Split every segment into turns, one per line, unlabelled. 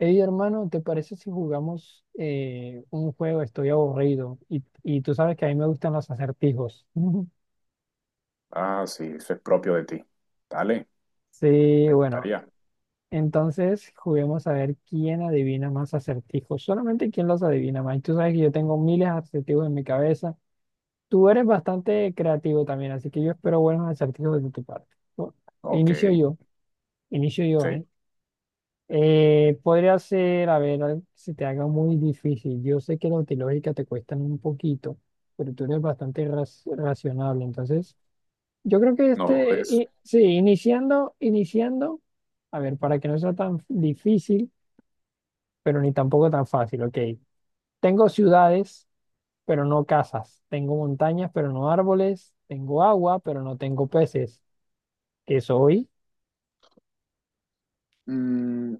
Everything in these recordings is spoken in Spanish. Hey, hermano, ¿te parece si jugamos un juego? Estoy aburrido y tú sabes que a mí me gustan los acertijos.
Ah, sí, eso es propio de ti. Dale,
Sí,
me
bueno,
gustaría.
entonces juguemos a ver quién adivina más acertijos. Solamente quién los adivina más. Y tú sabes que yo tengo miles de acertijos en mi cabeza. Tú eres bastante creativo también, así que yo espero buenos acertijos de tu parte. Bu-
Ok,
Inicio yo, inicio yo,
sí,
¿eh? Podría ser, a ver, algo que se te haga muy difícil. Yo sé que los de lógica te cuestan un poquito, pero tú eres bastante racional. Entonces, yo creo que
no
este,
dudes.
sí, iniciando, a ver, para que no sea tan difícil, pero ni tampoco tan fácil, ok. Tengo ciudades, pero no casas. Tengo montañas, pero no árboles. Tengo agua, pero no tengo peces. ¿Qué soy?
Mm,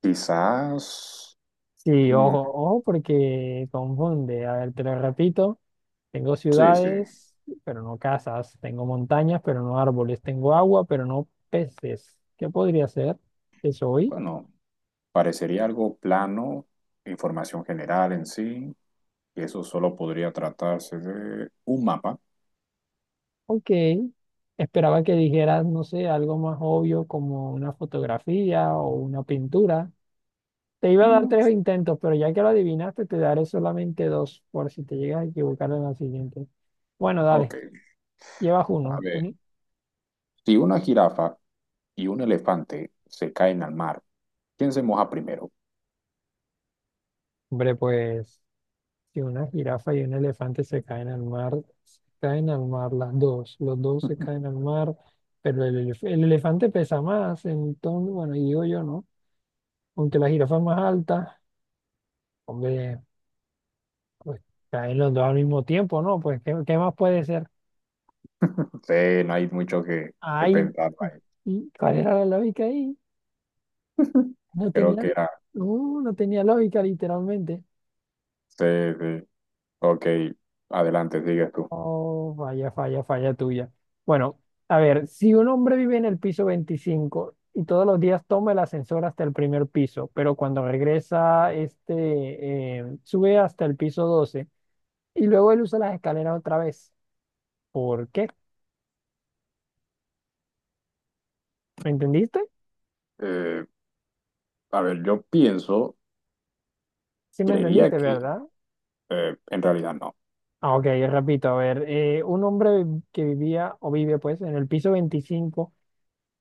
quizás.
Sí,
mm,
ojo, ojo, porque confunde. A ver, te lo repito. Tengo
sí, sí.
ciudades, pero no casas. Tengo montañas, pero no árboles. Tengo agua, pero no peces. ¿Qué podría ser? ¿Qué soy?
Bueno, parecería algo plano, información general en sí, y eso solo podría tratarse de un mapa.
Ok. Esperaba que dijeras, no sé, algo más obvio como una fotografía o una pintura. Te iba a dar
Mm,
tres intentos, pero ya que lo adivinaste, te daré solamente dos por si te llegas a equivocar en la siguiente. Bueno,
ok,
dale, llevas
a
uno.
ver.
Uni.
Si una jirafa y un elefante se caen al mar, ¿quién se moja primero?
Hombre, pues. Si una jirafa y un elefante se caen al mar, se caen al mar las dos, los dos se caen al mar, pero el elefante pesa más, entonces, bueno, digo yo, ¿no? Aunque la jirafa es más alta, hombre, pues caen los dos al mismo tiempo, ¿no? Pues, ¿qué más puede ser?
Sí, no hay mucho que
Ay,
pensar ahí.
¿y cuál era la lógica ahí? No
Creo
tenía,
que era.
no, no tenía lógica, literalmente.
Sí, sí. Ok, adelante, sigues tú.
Oh, falla, falla, falla tuya. Bueno, a ver, si un hombre vive en el piso 25 y todos los días toma el ascensor hasta el primer piso, pero cuando regresa, este, sube hasta el piso 12 y luego él usa las escaleras otra vez. ¿Por qué? ¿Me entendiste?
Eh, a ver, yo pienso,
Sí, me
creería
entendiste,
que,
¿verdad?
en realidad no.
Ah, ok, repito, a ver, un hombre que vivía o vive pues en el piso 25.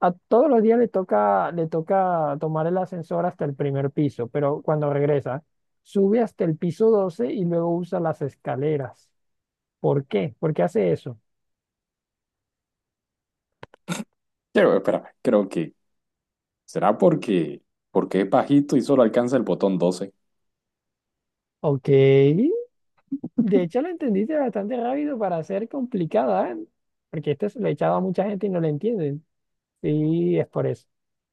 A todos los días le toca tomar el ascensor hasta el primer piso, pero cuando regresa, sube hasta el piso 12 y luego usa las escaleras. ¿Por qué? ¿Por qué hace eso?
Creo, espera, creo que será porque es bajito y solo alcanza el botón 12.
Ok, de hecho lo entendiste bastante rápido para ser complicada, ¿eh? Porque esto se lo he echado a mucha gente y no lo entienden. Sí, es por eso.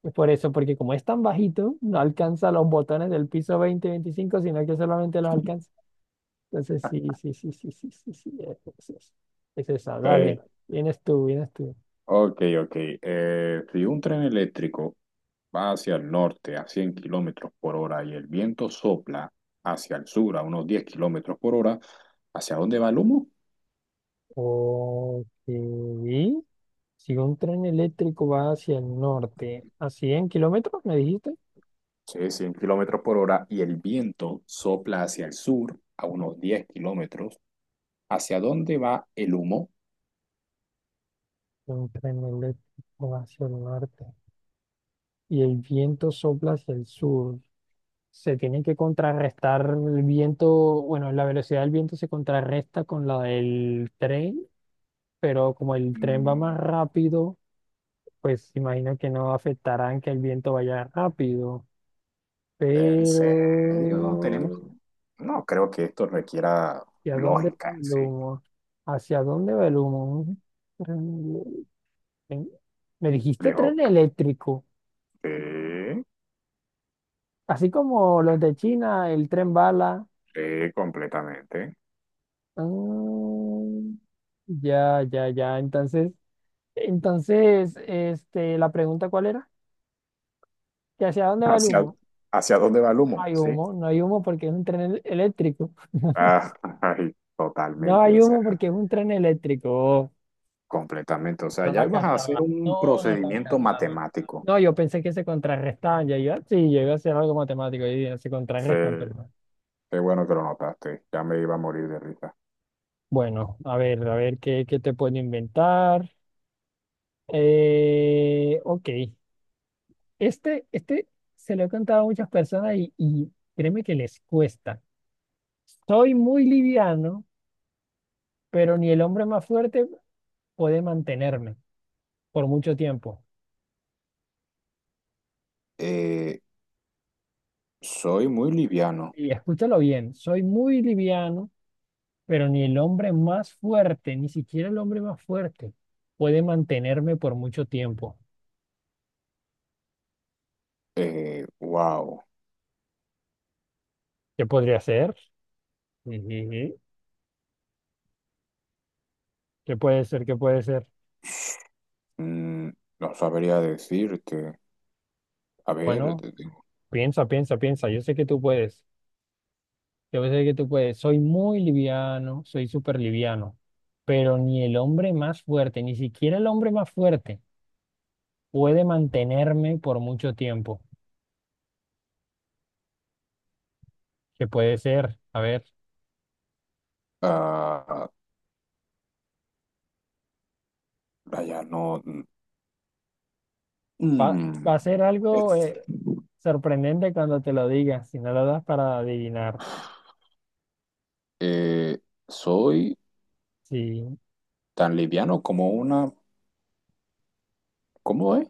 Es por eso, porque como es tan bajito, no alcanza los botones del piso 20 y 25, sino que solamente los alcanza. Entonces, sí, sí, sí, sí, sí, sí, sí, es esa.
Eh,
Dale, vienes tú, vienes tú.
ok, ok. Si un tren eléctrico va hacia el norte a 100 km/h y el viento sopla hacia el sur a unos 10 km/h, ¿hacia dónde va el humo?
Ok. Si un tren eléctrico va hacia el norte, ¿a 100 kilómetros me dijiste?
Sí, 100 km/h y el viento sopla hacia el sur a unos 10 kilómetros. ¿Hacia dónde va el humo?
Un tren eléctrico va hacia el norte y el viento sopla hacia el sur. Se tiene que contrarrestar el viento, bueno, la velocidad del viento se contrarresta con la del tren, pero como el tren va más
Mm,
rápido pues imagino que no afectarán que el viento vaya rápido.
¿En serio? Tenemos...
Pero,
No, creo que esto requiera
¿hacia dónde va
lógica en
el
sí.
humo? ¿Hacia dónde va el humo? Un tren- Me
Le
dijiste
Dijo,
tren eléctrico,
sí,
así como los de China, el tren bala.
sí, completamente.
Ah, ya, ya, ya. Entonces, entonces, este, la pregunta ¿cuál era? ¿Que hacia dónde va el
¿Hacia,
humo?
hacia dónde va el
No
humo?
hay
Sí.
humo, no hay humo porque es un tren eléctrico.
Ah, ay,
No
totalmente,
hay
o sea,
humo porque es un tren eléctrico.
completamente. O sea,
No
ya
la
ibas a hacer
captaba,
un
no, no la
procedimiento
captaba.
matemático.
No, yo pensé que se contrarrestaban, ya iba, sí, llega a ser algo matemático, y dije, se
Sí,
contrarrestan, pero no.
qué bueno que lo notaste. Ya me iba a morir de risa.
Bueno, a ver qué te puedo inventar. Ok, este se lo he contado a muchas personas y créeme que les cuesta. Soy muy liviano, pero ni el hombre más fuerte puede mantenerme por mucho tiempo.
Eh, Soy muy liviano.
Y escúchalo bien, soy muy liviano. Pero ni el hombre más fuerte, ni siquiera el hombre más fuerte, puede mantenerme por mucho tiempo.
Wow.
¿Qué podría ser? Ujujú. ¿Qué puede ser? ¿Qué puede ser?
Mm, no sabría decirte. A ver,
Bueno,
te digo.
piensa, piensa, piensa. Yo sé que tú puedes. Yo sé que tú puedes. Soy muy liviano, soy súper liviano. Pero ni el hombre más fuerte, ni siquiera el hombre más fuerte, puede mantenerme por mucho tiempo. ¿Qué puede ser? A ver,
Ah, vaya, no.
va, va
Mm.
a ser algo sorprendente cuando te lo diga, si no lo das para adivinar.
Eh, Soy
Sí,
tan liviano como una. ¿Cómo es?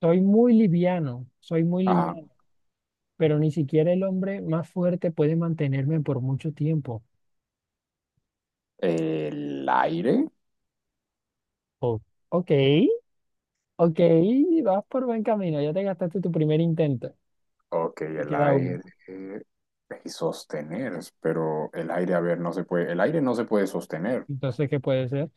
soy muy
Ah,
liviano, pero ni siquiera el hombre más fuerte puede mantenerme por mucho tiempo.
el aire.
Oh, ok, ok, vas por buen camino, ya te gastaste tu primer intento
Ok,
y
el
queda
aire.
uno.
Y sostener, pero el aire, a ver, no se puede. El aire no se puede sostener.
Entonces, ¿qué puede ser?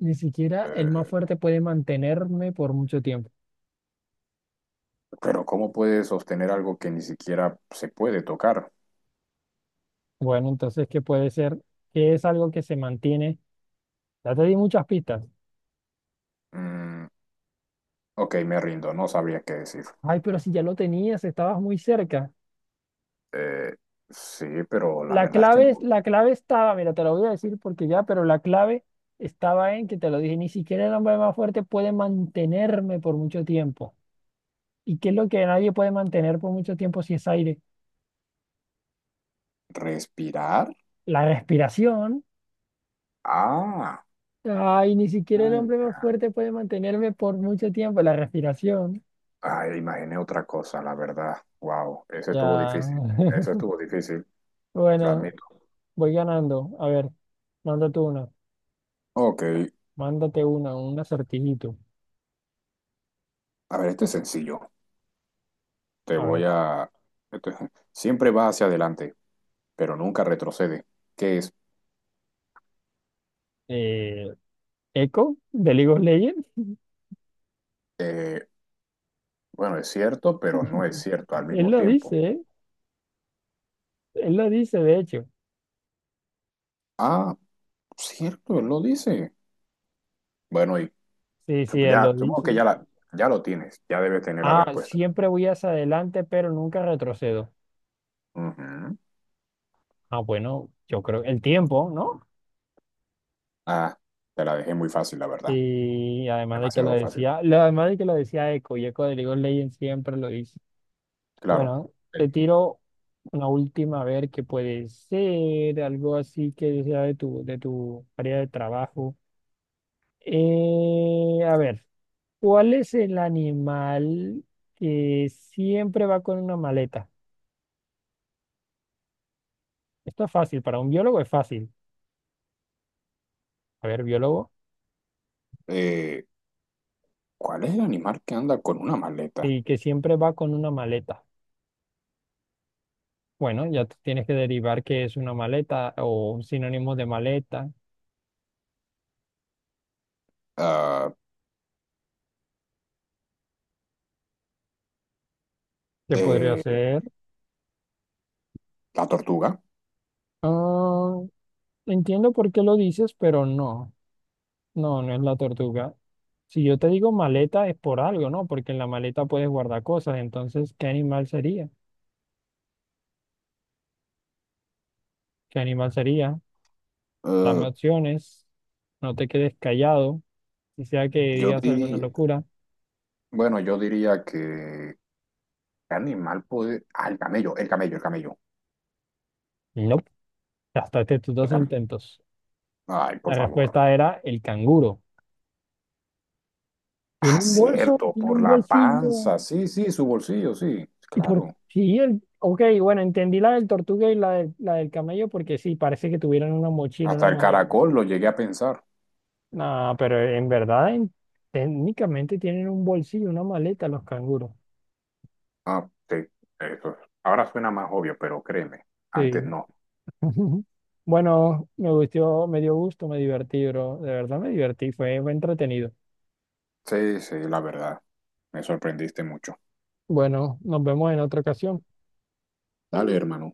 Ni siquiera el más
Eh,
fuerte puede mantenerme por mucho tiempo.
pero ¿cómo puede sostener algo que ni siquiera se puede tocar?
Bueno, entonces, ¿qué puede ser? ¿Qué es algo que se mantiene? Ya te di muchas pistas.
Mm, ok, me rindo, no sabría qué decir.
Ay, pero si ya lo tenías, estabas muy cerca.
Eh, sí, pero la
La
verdad es que
clave,
no.
la clave estaba, mira, te lo voy a decir porque ya, pero la clave estaba en que te lo dije, ni siquiera el hombre más fuerte puede mantenerme por mucho tiempo. ¿Y qué es lo que nadie puede mantener por mucho tiempo si es aire?
Respirar.
La respiración.
Ah,
Ay, ni siquiera el
ah,
hombre más
ya.
fuerte puede mantenerme por mucho tiempo, la respiración.
Ay, imaginé otra cosa, la verdad. Wow, ese estuvo
Ya.
difícil. Ese estuvo difícil, lo
Bueno,
admito.
voy ganando. A ver, mándate una,
Ok,
mándate una, un acertijito.
a ver, este es sencillo. Te
A
voy
ver,
a... esto es- Siempre va hacia adelante, pero nunca retrocede. ¿Qué es?
eh, Echo de League of Legends,
Eh, bueno, es cierto, pero no es cierto al
él
mismo
lo
tiempo.
dice, ¿eh? Él lo dice, de hecho.
Ah, cierto, él lo dice. Bueno, y
Sí, sí, él
ya,
lo
supongo que
dice.
ya, ya lo tienes, ya debes tener la
Ah,
respuesta.
siempre voy hacia adelante, pero nunca retrocedo.
Ujú.
Ah, bueno, yo creo el tiempo, ¿no?
Ah, te la dejé muy fácil, la verdad.
Y además de que lo
Demasiado fácil.
decía, además de que lo decía Echo, y Eco de League of Legends siempre lo dice.
Claro.
Bueno, te
El-
tiro una última a ver qué puede ser, algo así que sea de tu, área de trabajo. A ver, ¿cuál es el animal que siempre va con una maleta? Esto es fácil, para un biólogo es fácil. A ver, biólogo,
eh, ¿Cuál es el animal que anda con una maleta?
y que siempre va con una maleta. Bueno, ya tú tienes que derivar qué es una maleta o un sinónimo de maleta.
Ah,
¿Qué podría
eh,
ser?
la tortuga.
Ah, entiendo por qué lo dices, pero no, no, no es la tortuga. Si yo te digo maleta es por algo, ¿no? Porque en la maleta puedes guardar cosas. Entonces, ¿qué animal sería? ¿Qué animal sería? Dame
Ah,
opciones. No te quedes callado. Si sea que
yo
digas alguna
diría,
locura.
bueno, yo diría que ¿qué animal puede? Ah, el camello, el camello, el camello.
No, hasta estos
El
dos
camello.
intentos.
Ay,
La
por favor.
respuesta era el canguro. Tiene
Ah,
un bolso,
cierto,
tiene
por
un
la
bolsillo.
panza. Sí, sí, su bolsillo, sí.
Y por
Claro.
sí, el, ok, bueno, entendí la del tortuga y la del camello porque sí, parece que tuvieran una mochila, una
Hasta el
maleta.
caracol lo llegué a pensar.
No, pero en verdad, técnicamente tienen un bolsillo, una maleta los canguros.
Ah, sí. Eso. Ahora suena más obvio, pero créeme, antes
Sí.
no.
Bueno, me gustó, me dio gusto, me divertí, bro. De verdad me divertí, fue entretenido.
Sí, sí, la verdad. Me sorprendiste mucho.
Bueno, nos vemos en otra ocasión.
Dale, hermano.